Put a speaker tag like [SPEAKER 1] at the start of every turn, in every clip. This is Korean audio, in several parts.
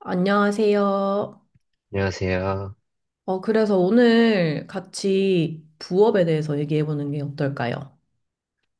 [SPEAKER 1] 안녕하세요.
[SPEAKER 2] 안녕하세요.
[SPEAKER 1] 그래서 오늘 같이 부업에 대해서 얘기해 보는 게 어떨까요?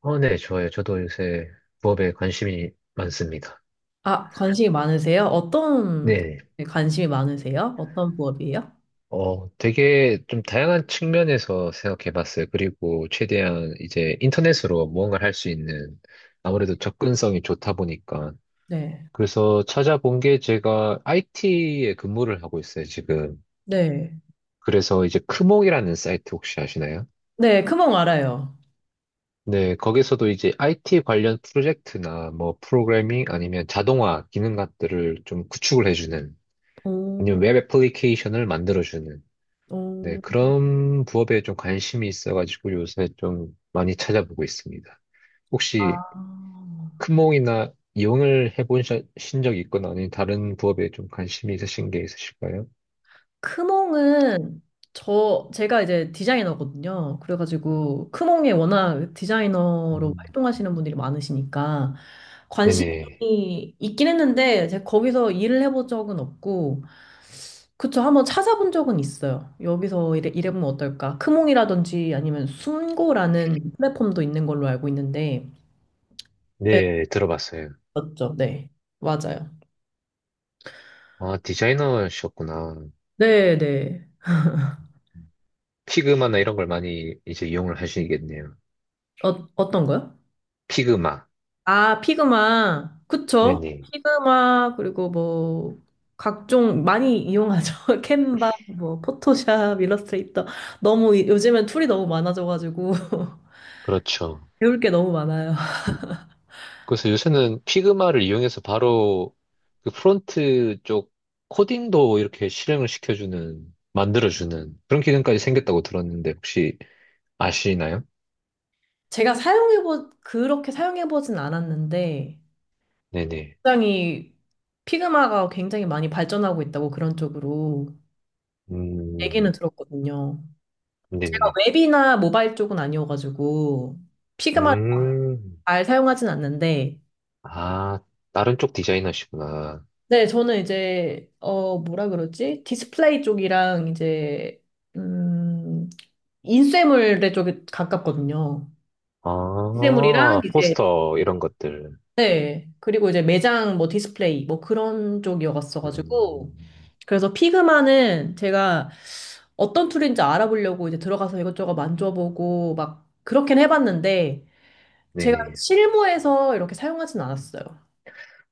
[SPEAKER 2] 네, 좋아요. 저도 요새 부업에 관심이 많습니다.
[SPEAKER 1] 아, 관심이 많으세요? 어떤
[SPEAKER 2] 네.
[SPEAKER 1] 네, 관심이 많으세요? 어떤 부업이에요?
[SPEAKER 2] 되게 좀 다양한 측면에서 생각해 봤어요. 그리고 최대한 이제 인터넷으로 무언가를 할 수 있는 아무래도 접근성이 좋다 보니까.
[SPEAKER 1] 네.
[SPEAKER 2] 그래서 찾아본 게 제가 IT에 근무를 하고 있어요, 지금.
[SPEAKER 1] 네.
[SPEAKER 2] 그래서 이제 크몽이라는 사이트 혹시 아시나요?
[SPEAKER 1] 네, 크몽 알아요.
[SPEAKER 2] 네, 거기서도 이제 IT 관련 프로젝트나 뭐 프로그래밍 아니면 자동화 기능 같들을 좀 구축을 해주는
[SPEAKER 1] 오,
[SPEAKER 2] 아니면 웹 애플리케이션을 만들어주는 네,
[SPEAKER 1] 오,
[SPEAKER 2] 그런 부업에 좀 관심이 있어가지고 요새 좀 많이 찾아보고 있습니다. 혹시
[SPEAKER 1] 아.
[SPEAKER 2] 큰몽이나 이용을 해보신 적 있거나 아니면 다른 부업에 좀 관심이 있으신 게 있으실까요?
[SPEAKER 1] 크몽은 제가 이제 디자이너거든요. 그래가지고 크몽에 워낙 디자이너로
[SPEAKER 2] 음,
[SPEAKER 1] 활동하시는 분들이 많으시니까
[SPEAKER 2] 네네.
[SPEAKER 1] 관심이 있긴 했는데 제가 거기서 일을 해본 적은 없고, 그쵸, 한번 찾아본 적은 있어요. 여기서 일해보면 어떨까? 크몽이라든지 아니면 순고라는 플랫폼도 있는 걸로 알고 있는데. 네,
[SPEAKER 2] 네, 들어봤어요.
[SPEAKER 1] 맞죠? 네, 맞아요.
[SPEAKER 2] 아, 디자이너셨구나.
[SPEAKER 1] 네네.
[SPEAKER 2] 피그마나 이런 걸 많이 이제 이용을 하시겠네요.
[SPEAKER 1] 어떤 거요?
[SPEAKER 2] 피그마.
[SPEAKER 1] 아, 피그마. 그쵸?
[SPEAKER 2] 네네.
[SPEAKER 1] 피그마, 그리고 뭐, 각종 많이 이용하죠. 캔바, 뭐, 포토샵, 일러스트레이터. 요즘엔 툴이 너무 많아져가지고.
[SPEAKER 2] 그렇죠.
[SPEAKER 1] 배울 게 너무 많아요.
[SPEAKER 2] 그래서 요새는 피그마를 이용해서 바로 그 프론트 쪽 코딩도 이렇게 실행을 시켜주는, 만들어주는 그런 기능까지 생겼다고 들었는데 혹시 아시나요?
[SPEAKER 1] 제가 그렇게 사용해보진 않았는데,
[SPEAKER 2] 네네.
[SPEAKER 1] 굉장히, 피그마가 굉장히 많이 발전하고 있다고, 그런 쪽으로 얘기는
[SPEAKER 2] 음,
[SPEAKER 1] 들었거든요. 제가
[SPEAKER 2] 네네.
[SPEAKER 1] 웹이나 모바일 쪽은 아니어가지고, 피그마를
[SPEAKER 2] 음,
[SPEAKER 1] 잘 사용하진 않는데,
[SPEAKER 2] 아, 다른 쪽 디자이너시구나.
[SPEAKER 1] 네, 저는 이제, 뭐라 그러지? 디스플레이 쪽이랑 이제, 음, 인쇄물의 쪽에 가깝거든요. 인쇄물이랑
[SPEAKER 2] 아,
[SPEAKER 1] 이제,
[SPEAKER 2] 포스터 이런 것들.
[SPEAKER 1] 네. 그리고 이제 매장, 뭐 디스플레이, 뭐 그런 쪽이었어가지고.
[SPEAKER 2] 음,
[SPEAKER 1] 그래서 피그마는 제가 어떤 툴인지 알아보려고 이제 들어가서 이것저것 만져보고 막 그렇긴 해봤는데, 제가
[SPEAKER 2] 네네.
[SPEAKER 1] 실무에서 이렇게 사용하진 않았어요.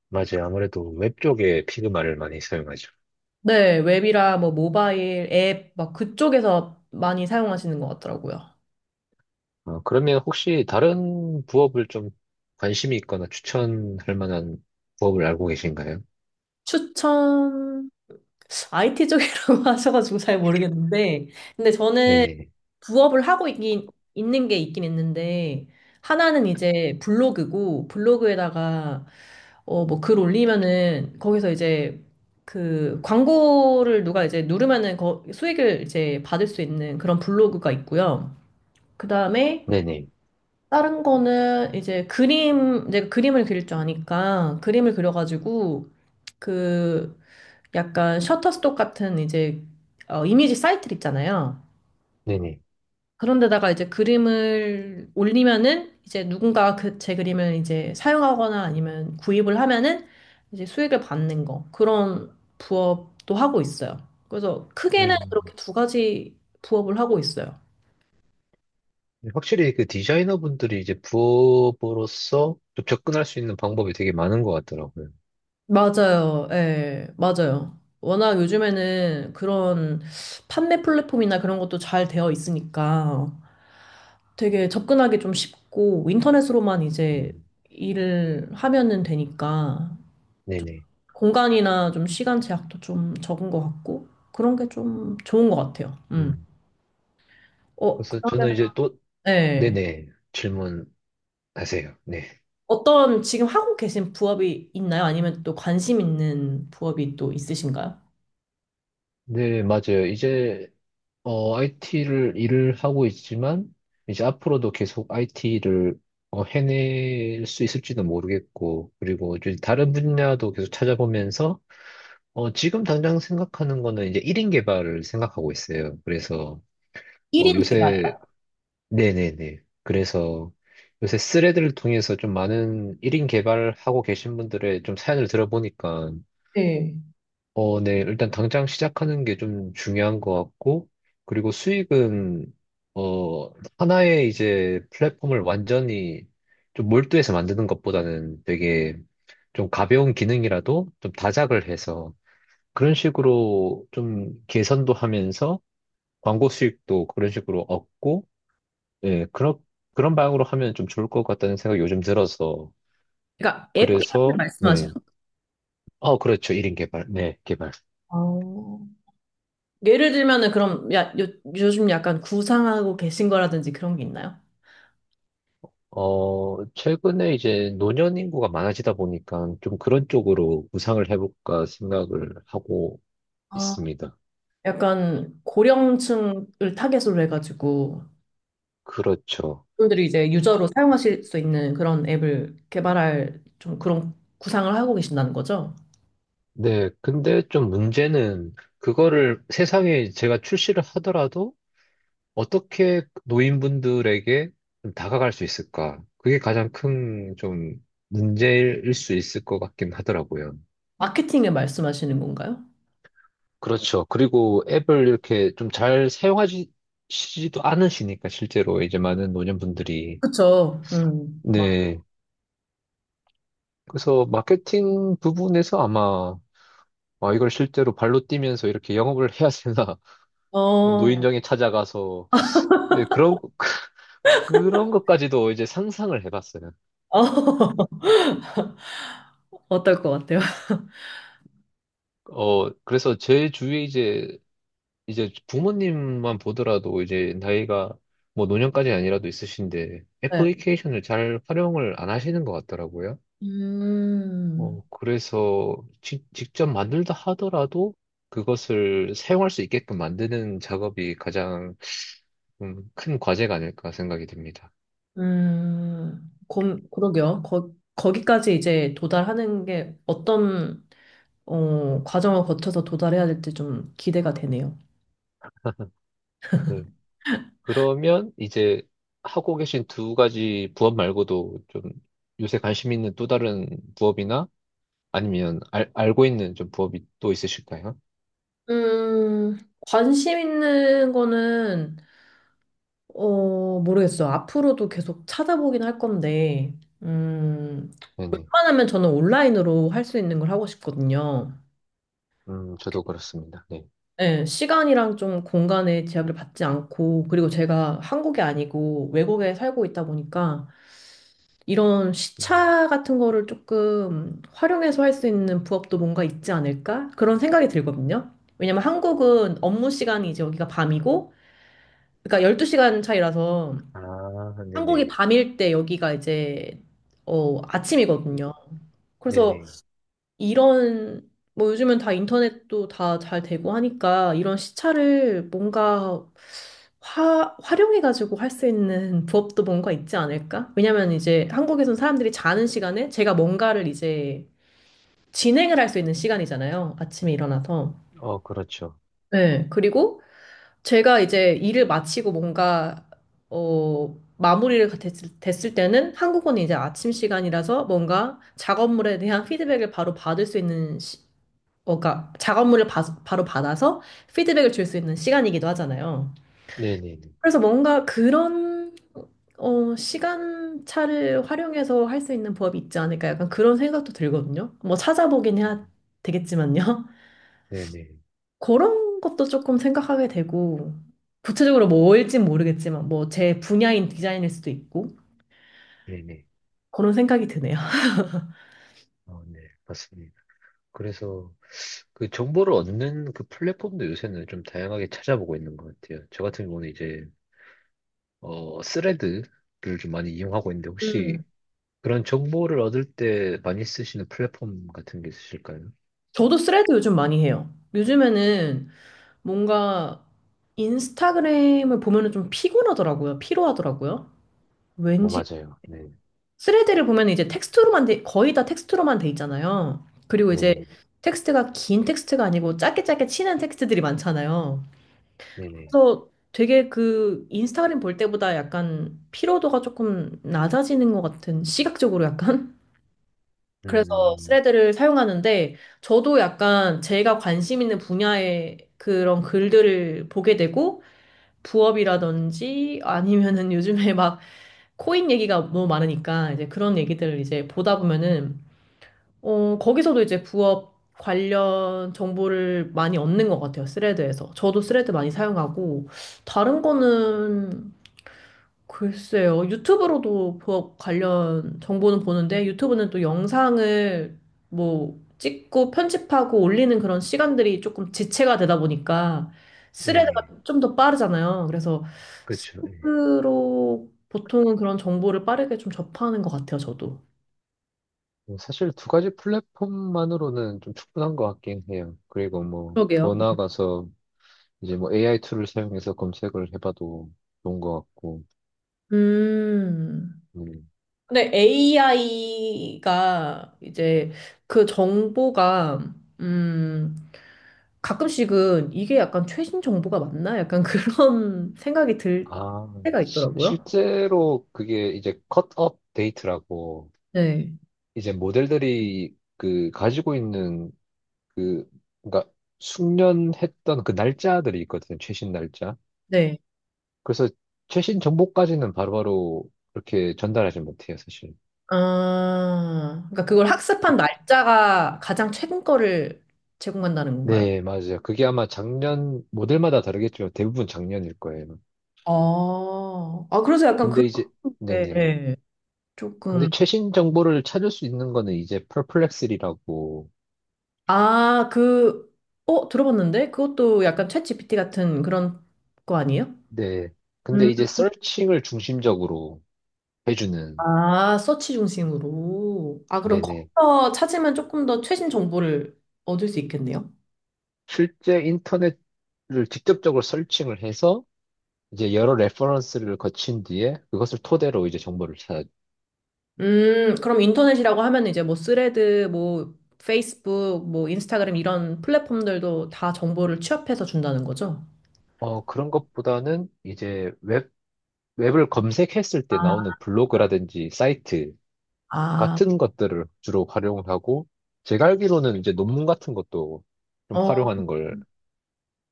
[SPEAKER 2] 맞아요. 아무래도 웹 쪽에 피그마를 많이 사용하죠.
[SPEAKER 1] 네, 웹이라, 뭐 모바일 앱 막 그쪽에서 많이 사용하시는 것 같더라고요.
[SPEAKER 2] 그러면 혹시 다른 부업을 좀 관심이 있거나 추천할 만한 부업을 알고 계신가요?
[SPEAKER 1] 추천. IT 쪽이라고 하셔가지고 잘 모르겠는데, 근데 저는
[SPEAKER 2] 네네.
[SPEAKER 1] 부업을 하고 있긴, 있는 게 있긴 있는데, 하나는 이제 블로그고, 블로그에다가 뭐 글 올리면은 거기서 이제 그 광고를 누가 이제 누르면은 거 수익을 이제 받을 수 있는 그런 블로그가 있고요. 그다음에
[SPEAKER 2] 네네.
[SPEAKER 1] 다른 거는 이제 이제 그림을 그릴 줄 아니까 그림을 그려가지고, 그 약간 셔터스톡 같은 이제, 이미지 사이트 있잖아요.
[SPEAKER 2] 네네.
[SPEAKER 1] 그런데다가 이제 그림을 올리면은 이제 누군가 그 제 그림을 이제 사용하거나 아니면 구입을 하면은 이제 수익을 받는 거, 그런 부업도 하고 있어요. 그래서 크게는
[SPEAKER 2] 음,
[SPEAKER 1] 그렇게 두 가지 부업을 하고 있어요.
[SPEAKER 2] 확실히 그 디자이너 분들이 이제 부업으로서 좀 접근할 수 있는 방법이 되게 많은 것 같더라고요.
[SPEAKER 1] 맞아요. 예, 맞아요. 워낙 요즘에는 그런 판매 플랫폼이나 그런 것도 잘 되어 있으니까 되게 접근하기 좀 쉽고, 인터넷으로만 이제
[SPEAKER 2] 음,
[SPEAKER 1] 일을 하면은 되니까
[SPEAKER 2] 네네.
[SPEAKER 1] 공간이나 좀 시간 제약도 좀 적은 것 같고, 그런 게 좀 좋은 것 같아요. 음.
[SPEAKER 2] 음, 그래서 저는
[SPEAKER 1] 그러면,
[SPEAKER 2] 이제 또,
[SPEAKER 1] 예.
[SPEAKER 2] 네네. 질문하세요. 네.
[SPEAKER 1] 어떤 지금 하고 계신 부업이 있나요? 아니면 또 관심 있는 부업이 또 있으신가요?
[SPEAKER 2] 네, 맞아요. 이제 IT를 일을 하고 있지만, 이제 앞으로도 계속 IT를 해낼 수 있을지는 모르겠고, 그리고 이제 다른 분야도 계속 찾아보면서, 지금 당장 생각하는 거는 이제 1인 개발을 생각하고 있어요. 그래서,
[SPEAKER 1] 1인 개발.
[SPEAKER 2] 요새, 네네네. 그래서 요새 스레드를 통해서 좀 많은 1인 개발하고 계신 분들의 좀 사연을 들어보니까,
[SPEAKER 1] 네.
[SPEAKER 2] 네. 일단 당장 시작하는 게 좀 중요한 것 같고, 그리고 수익은, 어, 하나의 이제 플랫폼을 완전히 좀 몰두해서 만드는 것보다는 되게 좀 가벼운 기능이라도 좀 다작을 해서 그런 식으로 좀 개선도 하면서 광고 수익도 그런 식으로 얻고, 예, 그런 방향으로 하면 좀 좋을 것 같다는 생각이 요즘 들어서.
[SPEAKER 1] 그러니까 앱 개발을
[SPEAKER 2] 그래서,
[SPEAKER 1] 말씀하시.
[SPEAKER 2] 네. 그렇죠. 1인 개발. 네, 개발.
[SPEAKER 1] 어. 예를 들면은 그럼, 요즘 약간 구상하고 계신 거라든지 그런 게 있나요?
[SPEAKER 2] 최근에 이제 노년 인구가 많아지다 보니까 좀 그런 쪽으로 구상을 해볼까 생각을 하고
[SPEAKER 1] 아,
[SPEAKER 2] 있습니다.
[SPEAKER 1] 약간 고령층을 타겟으로 해가지고,
[SPEAKER 2] 그렇죠.
[SPEAKER 1] 분들이 이제 유저로 사용하실 수 있는 그런 앱을 개발할 좀 그런 구상을 하고 계신다는 거죠?
[SPEAKER 2] 네, 근데 좀 문제는 그거를 세상에 제가 출시를 하더라도 어떻게 노인분들에게 좀 다가갈 수 있을까? 그게 가장 큰 좀 문제일 수 있을 것 같긴 하더라고요.
[SPEAKER 1] 마케팅을 말씀하시는 건가요?
[SPEAKER 2] 그렇죠. 그리고 앱을 이렇게 좀 잘 사용하시지도 않으시니까 실제로 이제 많은 노년분들이
[SPEAKER 1] 그쵸. 막,
[SPEAKER 2] 네. 그래서 마케팅 부분에서 아마 이걸 실제로 발로 뛰면서 이렇게 영업을 해야 되나 뭐
[SPEAKER 1] 어,
[SPEAKER 2] 노인정에 찾아가서 예, 그런 그런 것까지도 이제 상상을 해봤어요.
[SPEAKER 1] 어, 어떨 것 같아요?
[SPEAKER 2] 그래서 제 주위에 이제 부모님만 보더라도 이제 나이가 뭐 노년까지 아니라도 있으신데
[SPEAKER 1] 네.
[SPEAKER 2] 애플리케이션을 잘 활용을 안 하시는 것 같더라고요.
[SPEAKER 1] 음.
[SPEAKER 2] 그래서 직접 만들다 하더라도 그것을 사용할 수 있게끔 만드는 작업이 가장 큰 과제가 아닐까 생각이 듭니다.
[SPEAKER 1] 그러게요. 거기까지 이제 도달하는 게 어떤 과정을 거쳐서 도달해야 될지 좀 기대가 되네요.
[SPEAKER 2] 네. 그러면 이제 하고 계신 두 가지 부업 말고도 좀 요새 관심 있는 또 다른 부업이나 아니면 알고 있는 좀 부업이 또 있으실까요?
[SPEAKER 1] 음, 관심 있는 거는 모르겠어요. 앞으로도 계속 찾아보긴 할 건데, 음,
[SPEAKER 2] 네네.
[SPEAKER 1] 웬만하면 저는 온라인으로 할 수 있는 걸 하고 싶거든요.
[SPEAKER 2] 저도 그렇습니다. 네.
[SPEAKER 1] 네, 시간이랑 좀 공간의 제약을 받지 않고, 그리고 제가 한국이 아니고 외국에 살고 있다 보니까 이런
[SPEAKER 2] 음,
[SPEAKER 1] 시차 같은 거를 조금 활용해서 할 수 있는 부업도 뭔가 있지 않을까, 그런 생각이 들거든요. 왜냐면 한국은 업무 시간이 이제 여기가 밤이고, 그러니까 12시간 차이라서
[SPEAKER 2] 아,
[SPEAKER 1] 한국이
[SPEAKER 2] 네네.
[SPEAKER 1] 밤일 때 여기가 이제, 아침이거든요. 그래서
[SPEAKER 2] 네네.
[SPEAKER 1] 이런, 뭐 요즘은 다 인터넷도 다 잘 되고 하니까 이런 시차를 뭔가 활용해가지고 할 수 있는 부업도 뭔가 있지 않을까? 왜냐면 이제 한국에선 사람들이 자는 시간에 제가 뭔가를 이제 진행을 할 수 있는 시간이잖아요. 아침에 일어나서.
[SPEAKER 2] 그렇죠.
[SPEAKER 1] 네. 그리고 제가 이제 일을 마치고 뭔가 마무리를 됐을 때는 한국은 이제 아침 시간이라서 뭔가 작업물에 대한 피드백을 바로 받을 수 있는 그러니까 작업물을 바로 받아서 피드백을 줄 수 있는 시간이기도 하잖아요.
[SPEAKER 2] 네네네.
[SPEAKER 1] 그래서 뭔가 그런, 시간차를 활용해서 할 수 있는 부업이 있지 않을까, 약간 그런 생각도 들거든요. 뭐 찾아보긴 해야 되겠지만요.
[SPEAKER 2] 네네.
[SPEAKER 1] 그런 것도 조금 생각하게 되고, 구체적으로 뭘진 모르겠지만 뭐 제 분야인 디자인일 수도 있고,
[SPEAKER 2] 네네.
[SPEAKER 1] 그런 생각이 드네요.
[SPEAKER 2] 네, 맞습니다. 그래서 그 정보를 얻는 그 플랫폼도 요새는 좀 다양하게 찾아보고 있는 것 같아요. 저 같은 경우는 이제 스레드를 좀 많이 이용하고 있는데
[SPEAKER 1] 음.
[SPEAKER 2] 혹시 그런 정보를 얻을 때 많이 쓰시는 플랫폼 같은 게 있으실까요?
[SPEAKER 1] 저도 스레드 요즘 많이 해요. 요즘에는 뭔가 인스타그램을 보면은 좀 피곤하더라고요. 피로하더라고요. 왠지.
[SPEAKER 2] 맞아요. 네,
[SPEAKER 1] 스레드를 보면 이제 거의 다 텍스트로만 돼 있잖아요. 그리고 이제
[SPEAKER 2] 네네,
[SPEAKER 1] 텍스트가 긴 텍스트가 아니고 짧게 짧게 치는 텍스트들이 많잖아요.
[SPEAKER 2] 네네.
[SPEAKER 1] 그래서 되게 그 인스타그램 볼 때보다 약간 피로도가 조금 낮아지는 것 같은, 시각적으로 약간. 그래서
[SPEAKER 2] 음,
[SPEAKER 1] 스레드를 사용하는데, 저도 약간 제가 관심 있는 분야의 그런 글들을 보게 되고, 부업이라든지 아니면은 요즘에 막 코인 얘기가 너무 많으니까 이제 그런 얘기들을 이제 보다 보면은 거기서도 이제 부업 관련 정보를 많이 얻는 것 같아요. 스레드에서. 저도 스레드 많이 사용하고, 다른 거는 글쎄요. 유튜브로도 관련 정보는 보는데, 유튜브는 또 영상을 뭐 찍고 편집하고 올리는 그런 시간들이 조금 지체가 되다 보니까 스레드가
[SPEAKER 2] 네네.
[SPEAKER 1] 좀 더 빠르잖아요. 그래서
[SPEAKER 2] 그렇죠. 예.
[SPEAKER 1] 스스로 보통은 그런 정보를 빠르게 좀 접하는 것 같아요, 저도.
[SPEAKER 2] 뭐 사실 두 가지 플랫폼만으로는 좀 충분한 것 같긴 해요. 그리고 뭐
[SPEAKER 1] 그러게요.
[SPEAKER 2] 더 나아가서 이제 뭐 AI 툴을 사용해서 검색을 해봐도 좋은 것 같고.
[SPEAKER 1] 음.
[SPEAKER 2] 음.
[SPEAKER 1] 근데 AI가 이제 그 정보가 음 가끔씩은 이게 약간 최신 정보가 맞나, 약간 그런 생각이 들
[SPEAKER 2] 아,
[SPEAKER 1] 때가 있더라고요.
[SPEAKER 2] 실제로 그게 이제 컷업 데이트라고
[SPEAKER 1] 네.
[SPEAKER 2] 이제 모델들이 그 가지고 있는 그 그러니까 숙련했던 그 날짜들이 있거든요. 최신 날짜.
[SPEAKER 1] 네.
[SPEAKER 2] 그래서 최신 정보까지는 바로바로 그렇게 전달하지 못해요, 사실.
[SPEAKER 1] 아, 그러니까 그걸 학습한
[SPEAKER 2] 그,
[SPEAKER 1] 날짜가 가장 최근 거를 제공한다는 건가요?
[SPEAKER 2] 네, 맞아요. 그게 아마 작년 모델마다 다르겠지만 대부분 작년일 거예요.
[SPEAKER 1] 아, 아 그래서 약간
[SPEAKER 2] 근데 이제
[SPEAKER 1] 그렇게,
[SPEAKER 2] 네네.
[SPEAKER 1] 예,
[SPEAKER 2] 근데
[SPEAKER 1] 조금,
[SPEAKER 2] 최신 정보를 찾을 수 있는 거는 이제 퍼플렉스리라고
[SPEAKER 1] 아, 그, 들어봤는데 그것도 약간 챗GPT 같은 그런 거 아니에요?
[SPEAKER 2] 네. 근데
[SPEAKER 1] 음.
[SPEAKER 2] 이제 서칭을 중심적으로 해주는,
[SPEAKER 1] 아, 서치 중심으로. 아, 그럼
[SPEAKER 2] 네네.
[SPEAKER 1] 거기서 찾으면 조금 더 최신 정보를 얻을 수 있겠네요.
[SPEAKER 2] 실제 인터넷을 직접적으로 서칭을 해서 이제 여러 레퍼런스를 거친 뒤에 그것을 토대로 이제 정보를 찾
[SPEAKER 1] 그럼 인터넷이라고 하면 이제 뭐 스레드, 뭐 페이스북, 뭐 인스타그램 이런 플랫폼들도 다 정보를 취합해서 준다는 거죠?
[SPEAKER 2] 아 그런 것보다는 이제 웹을 검색했을
[SPEAKER 1] 아,
[SPEAKER 2] 때 나오는 블로그라든지 사이트
[SPEAKER 1] 아,
[SPEAKER 2] 같은 것들을 주로 활용 하고 제가 알기로는 이제 논문 같은 것도 좀
[SPEAKER 1] 어,
[SPEAKER 2] 활용하는 걸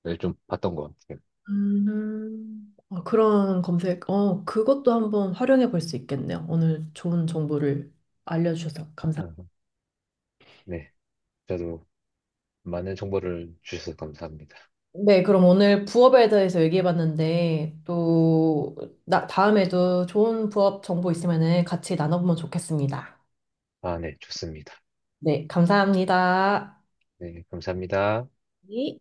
[SPEAKER 2] 네, 좀 봤던 것 같아요.
[SPEAKER 1] 그런 검색, 그것도 한번 활용해 볼 수 있겠네요. 오늘 좋은 정보를 알려주셔서 감사합니다.
[SPEAKER 2] 어, 네. 저도 많은 정보를 주셔서 감사합니다.
[SPEAKER 1] 네, 그럼 오늘 부업에 대해서 얘기해봤는데, 또, 다음에도 좋은 부업 정보 있으면은 같이 나눠보면 좋겠습니다.
[SPEAKER 2] 아, 네, 좋습니다.
[SPEAKER 1] 네, 감사합니다.
[SPEAKER 2] 네, 감사합니다.
[SPEAKER 1] 네.